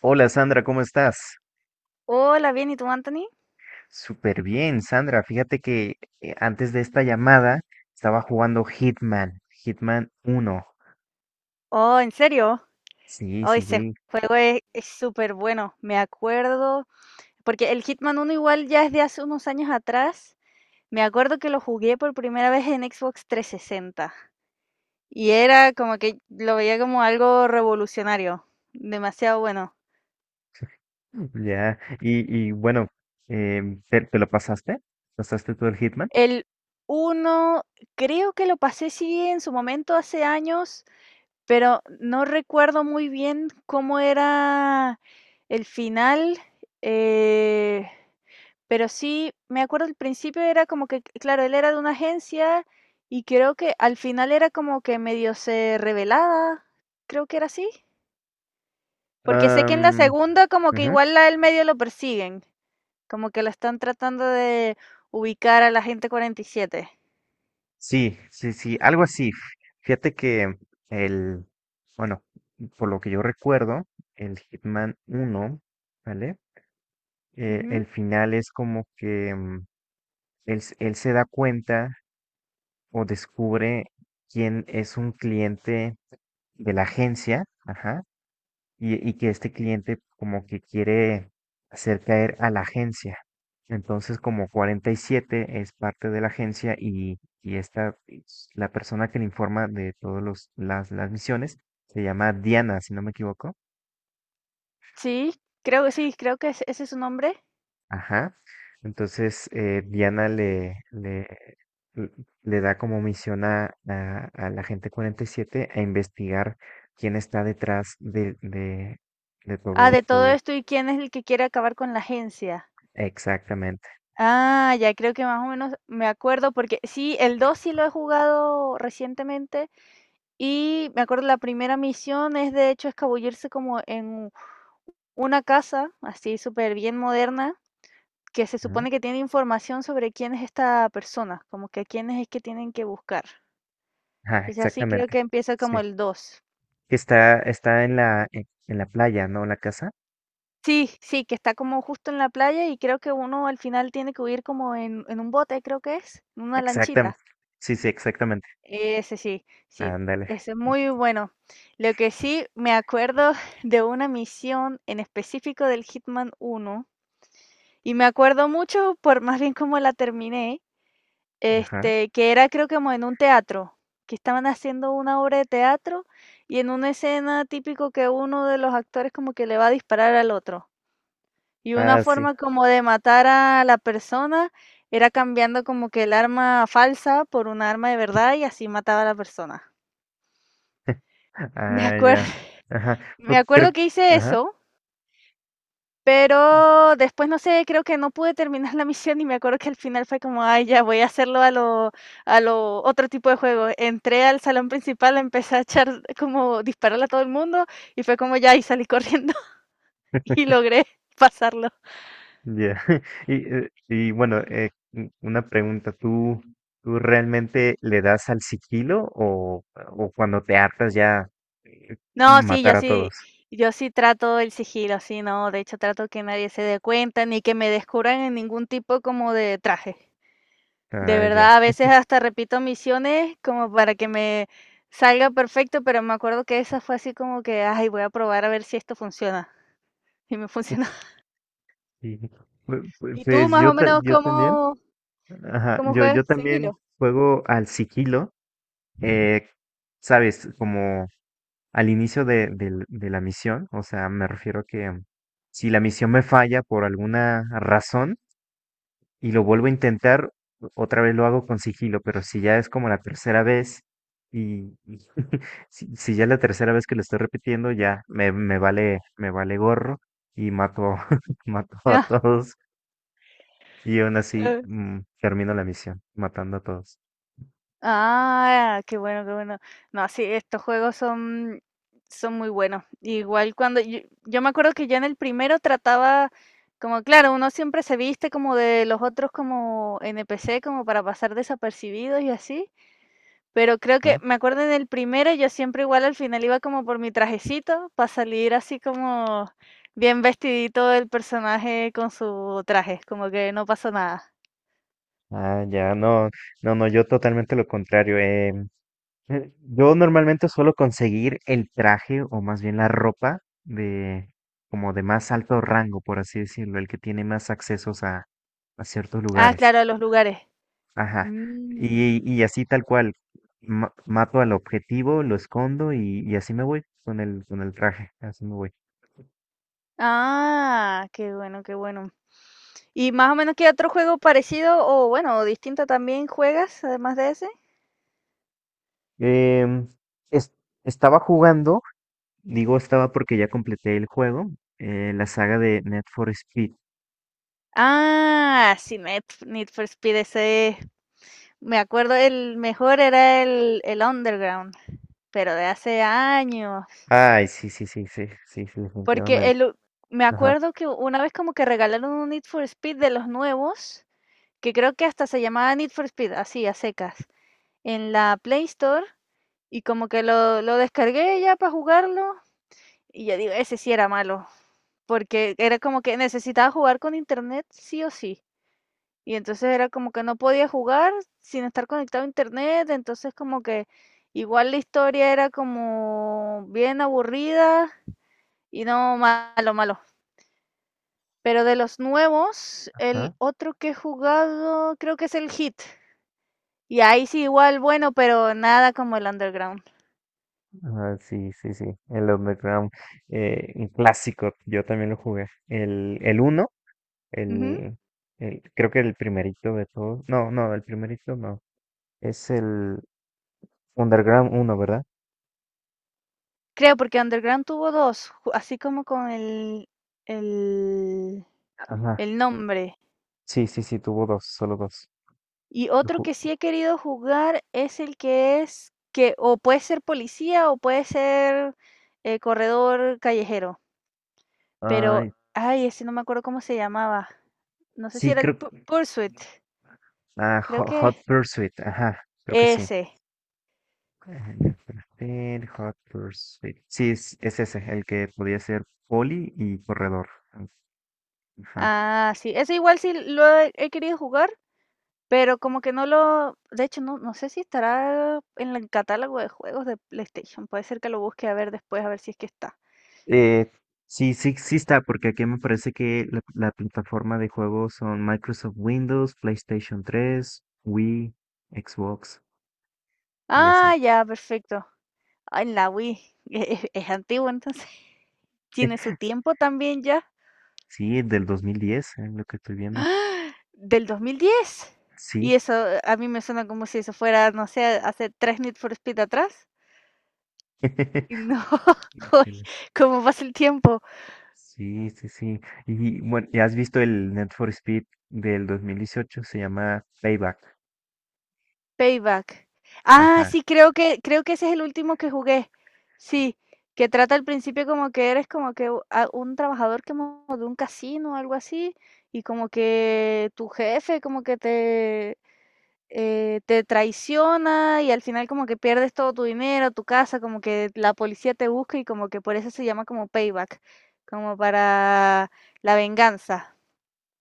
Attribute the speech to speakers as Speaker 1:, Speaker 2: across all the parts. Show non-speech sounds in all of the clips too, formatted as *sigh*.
Speaker 1: Hola, Sandra, ¿cómo estás?
Speaker 2: Hola, bien, ¿y tú, Anthony?
Speaker 1: Súper bien, Sandra. Fíjate que antes de esta llamada estaba jugando Hitman, Hitman uno.
Speaker 2: Oh, ¿en serio?
Speaker 1: Sí,
Speaker 2: Oh,
Speaker 1: sí,
Speaker 2: ese
Speaker 1: sí.
Speaker 2: juego es súper bueno. Me acuerdo, porque el Hitman uno igual ya es de hace unos años atrás. Me acuerdo que lo jugué por primera vez en Xbox 360. Y era como que lo veía como algo revolucionario. Demasiado bueno.
Speaker 1: Ya. Y bueno, eh, ¿te lo pasaste? ¿Pasaste tú el Hitman?
Speaker 2: El uno creo que lo pasé sí en su momento hace años, pero no recuerdo muy bien cómo era el final. Eh... Pero sí, me acuerdo al principio era como que, claro, él era de una agencia y creo que al final era como que medio se revelaba, creo que era así. Porque sé que en la
Speaker 1: Am,
Speaker 2: segunda como que
Speaker 1: ujú.
Speaker 2: igual a él medio lo persiguen, como que lo están tratando de ubicar a la gente 47.
Speaker 1: Sí, sí, sí, algo así. Fíjate que el, bueno, por lo que yo recuerdo, el Hitman uno, ¿vale?
Speaker 2: Ujú.
Speaker 1: El final es como que él se da cuenta o descubre quién es un cliente de la agencia, ajá, y que este cliente como que quiere hacer caer a la agencia. Entonces, como 47 es parte de la agencia y esta, es la persona que le informa de todas las misiones, se llama Diana, si no me equivoco.
Speaker 2: Sí, sí, creo que ese es su nombre.
Speaker 1: Ajá. Entonces, Diana l- le da como misión a la gente 47 a investigar quién está detrás de
Speaker 2: Ah,
Speaker 1: todo,
Speaker 2: de todo
Speaker 1: todo.
Speaker 2: esto, ¿y quién es el que quiere acabar con la agencia?
Speaker 1: Exactamente.
Speaker 2: Ah, ya creo que más o menos me acuerdo porque sí, el 2 sí lo he jugado recientemente. Y me acuerdo la primera misión es de hecho escabullirse como en una casa, así súper bien moderna, que se
Speaker 1: Ajá,
Speaker 2: supone que tiene información sobre quién es esta persona, como que a quiénes es que tienen que buscar.
Speaker 1: ajá,
Speaker 2: Entonces así creo
Speaker 1: exactamente.
Speaker 2: que empieza como
Speaker 1: Sí.
Speaker 2: el dos.
Speaker 1: Que está, está en en la playa, ¿no? La casa.
Speaker 2: Sí, sí, que está como justo en la playa y creo que uno al final tiene que huir como en un bote, creo que es, en una lanchita.
Speaker 1: Exactamente. Sí, sí, exactamente.
Speaker 2: Ese sí, sí,
Speaker 1: Ándale.
Speaker 2: ese es muy bueno. Lo que sí me acuerdo *laughs* de una misión en específico del Hitman uno. Y me acuerdo mucho por más bien como la terminé,
Speaker 1: Ajá.
Speaker 2: este, que era creo que como en un teatro, que estaban haciendo una obra de teatro y en una escena típico que uno de los actores como que le va a disparar al otro. Y una
Speaker 1: Ah, sí.
Speaker 2: forma como de matar a la persona era cambiando como que el arma falsa por una arma de verdad y así mataba a la persona. Me
Speaker 1: Ah,
Speaker 2: acuerdo,
Speaker 1: ya. Ajá.
Speaker 2: *laughs* me
Speaker 1: Pues creo.
Speaker 2: acuerdo que hice
Speaker 1: Ajá.
Speaker 2: eso. Pero después, no sé, creo que no pude terminar *laughs* la misión y me acuerdo que al final fue como, ay, ya voy a hacerlo a lo otro tipo de juego. Entré al salón principal, empecé a echar como dispararle a todo el mundo y fue como ya y salí corriendo *laughs*
Speaker 1: *laughs*
Speaker 2: y logré pasarlo.
Speaker 1: Ya. *laughs* Y, y bueno, una pregunta, ¿tú realmente le das al sigilo o cuando te hartas ya eh,
Speaker 2: No, sí,
Speaker 1: matar
Speaker 2: yo
Speaker 1: a
Speaker 2: sí,
Speaker 1: todos?
Speaker 2: yo sí trato el sigilo, sí, no, de hecho trato que nadie se dé cuenta ni que me descubran en ningún tipo como de traje. De
Speaker 1: Ah, ya.
Speaker 2: verdad, a veces hasta repito misiones como para que me salga perfecto, pero me acuerdo que esa fue así como que, ay, voy a probar a ver si esto funciona. Y me funcionó. *laughs*
Speaker 1: Sí.
Speaker 2: ¿Y tú
Speaker 1: Pues
Speaker 2: más
Speaker 1: yo,
Speaker 2: o menos
Speaker 1: yo también,
Speaker 2: cómo,
Speaker 1: ajá,
Speaker 2: cómo
Speaker 1: yo
Speaker 2: juegas
Speaker 1: también
Speaker 2: sigilo?
Speaker 1: juego al sigilo, eh, sabes, como al inicio de la misión, o sea, me refiero que si la misión me falla por alguna razón, y lo vuelvo a intentar, otra vez lo hago con sigilo, pero si ya es como la tercera vez y *laughs* si ya es la tercera vez que lo estoy repitiendo, ya me vale gorro y mato, *laughs* mato a
Speaker 2: Ya.
Speaker 1: todos y aún así
Speaker 2: Eh.
Speaker 1: termino la misión matando a todos,
Speaker 2: Ah, qué bueno, qué bueno. No, sí, estos juegos son, son muy buenos. Igual cuando yo me acuerdo que yo en el primero trataba, como claro, uno siempre se viste como de los otros como NPC, como para pasar desapercibidos y así. Pero creo que
Speaker 1: ¿no?
Speaker 2: me acuerdo en el primero, yo siempre igual al final iba como por mi trajecito para salir así como bien vestidito el personaje con su traje, como que no pasó nada.
Speaker 1: Ah, ya, no, no, no, yo totalmente lo contrario. Yo normalmente suelo conseguir el traje o más bien la ropa de como de más alto rango, por así decirlo, el que tiene más accesos a ciertos
Speaker 2: Ah,
Speaker 1: lugares.
Speaker 2: claro, a los lugares.
Speaker 1: Ajá.
Speaker 2: Mm.
Speaker 1: Y así tal cual, mato al objetivo, lo escondo y así me voy con el traje, así me voy.
Speaker 2: Ah, qué bueno, qué bueno. ¿Y más o menos qué otro juego parecido o bueno, o distinto también juegas además de ese?
Speaker 1: Em, es- Estaba jugando, digo estaba porque ya completé el juego, la saga de Net for Speed.
Speaker 2: Ah, sí, Need for Speed ese. Me acuerdo el mejor era el Underground, pero de hace años.
Speaker 1: Ay, sí, sí, sí, sí, sí, sí,
Speaker 2: Porque
Speaker 1: definitivamente.
Speaker 2: el u me
Speaker 1: Ajá.
Speaker 2: acuerdo que una vez como que regalaron un Need for Speed de los nuevos, que creo que hasta se llamaba Need for Speed, así, a secas, en la Play Store, y como que lo descargué ya para jugarlo, y yo digo: "Ese sí era malo", porque era como que necesitaba jugar con Internet sí o sí. Y entonces era como que no podía jugar sin estar conectado a Internet, entonces como que igual la historia era como bien aburrida y no, malo, malo. Pero de los nuevos, el
Speaker 1: Ajá.
Speaker 2: otro que he jugado creo que es el Hit. Y ahí sí igual bueno, pero nada como el Underground.
Speaker 1: Ah, sí, sí, sí. El Underground, un clásico. Yo también lo jugué. El uno,
Speaker 2: Ujú.
Speaker 1: el, creo que el primerito de todos. No, no, el primerito no. Es el Underground uno, ¿verdad?
Speaker 2: Creo, porque Underground tuvo dos, así como con el,
Speaker 1: Ajá.
Speaker 2: el nombre.
Speaker 1: Sí, sí, sí, tuvo dos, solo dos.
Speaker 2: Y
Speaker 1: Yo
Speaker 2: otro que sí
Speaker 1: ju-
Speaker 2: he querido jugar es el que es que o puede ser policía o puede ser corredor callejero. Pero,
Speaker 1: Ay,
Speaker 2: ay, ese no me acuerdo cómo se llamaba. No sé si
Speaker 1: sí,
Speaker 2: era el
Speaker 1: creo.
Speaker 2: Pursuit.
Speaker 1: Ah,
Speaker 2: Creo
Speaker 1: Hot
Speaker 2: que
Speaker 1: Pursuit, ajá, creo que sí.
Speaker 2: ese.
Speaker 1: Ajá, ya espérate, Hot Pursuit. Sí, es ese, el que podía ser poli y corredor. Ajá.
Speaker 2: Ah, sí, ese igual sí lo he he querido jugar, pero como que no lo de hecho, no sé si estará en el catálogo de juegos de PlayStation, puede ser que lo busque a ver después, a ver si es que está.
Speaker 1: Eh, sí, sí, sí está, porque aquí me parece que la plataforma de juegos son Microsoft Windows, PlayStation 3, Wii, Xbox y así.
Speaker 2: Ah, ya, perfecto. Ah, en la Wii, *laughs* e es antiguo, entonces. *laughs* Tiene su
Speaker 1: *laughs*
Speaker 2: tiempo también ya,
Speaker 1: Sí, del 2010, es lo que estoy viendo.
Speaker 2: del 2010. Y
Speaker 1: Sí.
Speaker 2: eso a mí me suena como si eso fuera, no sé, hace 3 Need for Speed atrás. Y no,
Speaker 1: *laughs*
Speaker 2: *laughs* uy,
Speaker 1: Híjole.
Speaker 2: cómo pasa el tiempo.
Speaker 1: Sí, sí, sí. Y bueno, ¿ya has visto el Need for Speed del 2018? Se llama Payback.
Speaker 2: Payback. Ah,
Speaker 1: Ajá.
Speaker 2: sí, creo que ese es el último que jugué. Sí, que trata al principio como que eres como que u- a- un trabajador que mo- de un casino o algo así, y como que tu jefe como que te te traiciona y al final como que pierdes todo tu dinero, tu casa, como que la policía te busca y como que por eso se llama como payback, como para la venganza.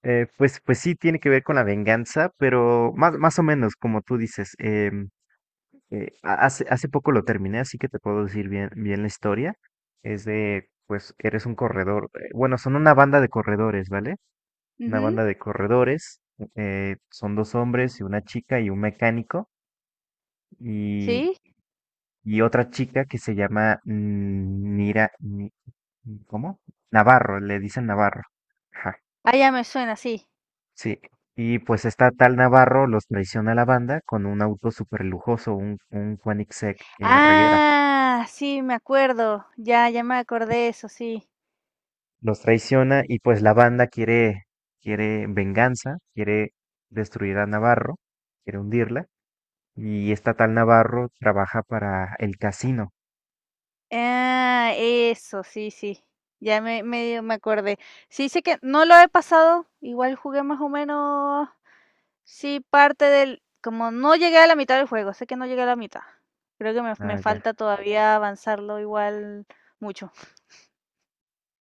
Speaker 1: Pues, pues sí, tiene que ver con la venganza, pero más, más o menos, como tú dices. Hace hace poco lo terminé, así que te puedo decir bien, bien la historia. Es de, pues, eres un corredor. Bueno, son una banda de corredores, ¿vale? Una
Speaker 2: Ujú.
Speaker 1: banda de corredores. Son dos hombres y una chica y un mecánico y,
Speaker 2: Sí,
Speaker 1: y otra chica que se llama Nira, Ni- ¿cómo? Navarro, le dicen Navarro. Ajá,
Speaker 2: ah, ya me suena, sí.
Speaker 1: sí. Y pues esta tal Navarro los traiciona a la banda con un auto súper lujoso, un Koenigsegg Reguera.
Speaker 2: Ah, sí, me acuerdo. Ya, ya me acordé eso, sí.
Speaker 1: Los traiciona y pues la banda quiere, quiere venganza, quiere destruir a Navarro, quiere hundirla. Y esta tal Navarro trabaja para el casino.
Speaker 2: Ah, eso, sí, sí. Ya me medio me acordé. Sí, sé que no lo he pasado. Igual jugué más o menos. Sí, parte del. Como no llegué a la mitad del juego. Sé que no llegué a la mitad. Creo que me
Speaker 1: Ah, ya,
Speaker 2: falta todavía avanzarlo igual mucho.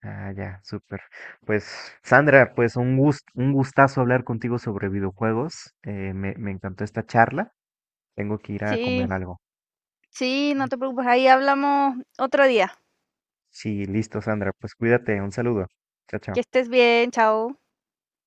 Speaker 1: ah, ya, súper. Pues Sandra, pues un un gustazo hablar contigo sobre videojuegos. Me encantó esta charla. Tengo que ir a
Speaker 2: Sí,
Speaker 1: comer algo.
Speaker 2: sí, no te preocupes. Ahí hablamos otro día.
Speaker 1: Sí, listo, Sandra. Pues cuídate. Un saludo. Chao,
Speaker 2: Que
Speaker 1: chao.
Speaker 2: estés bien, chao.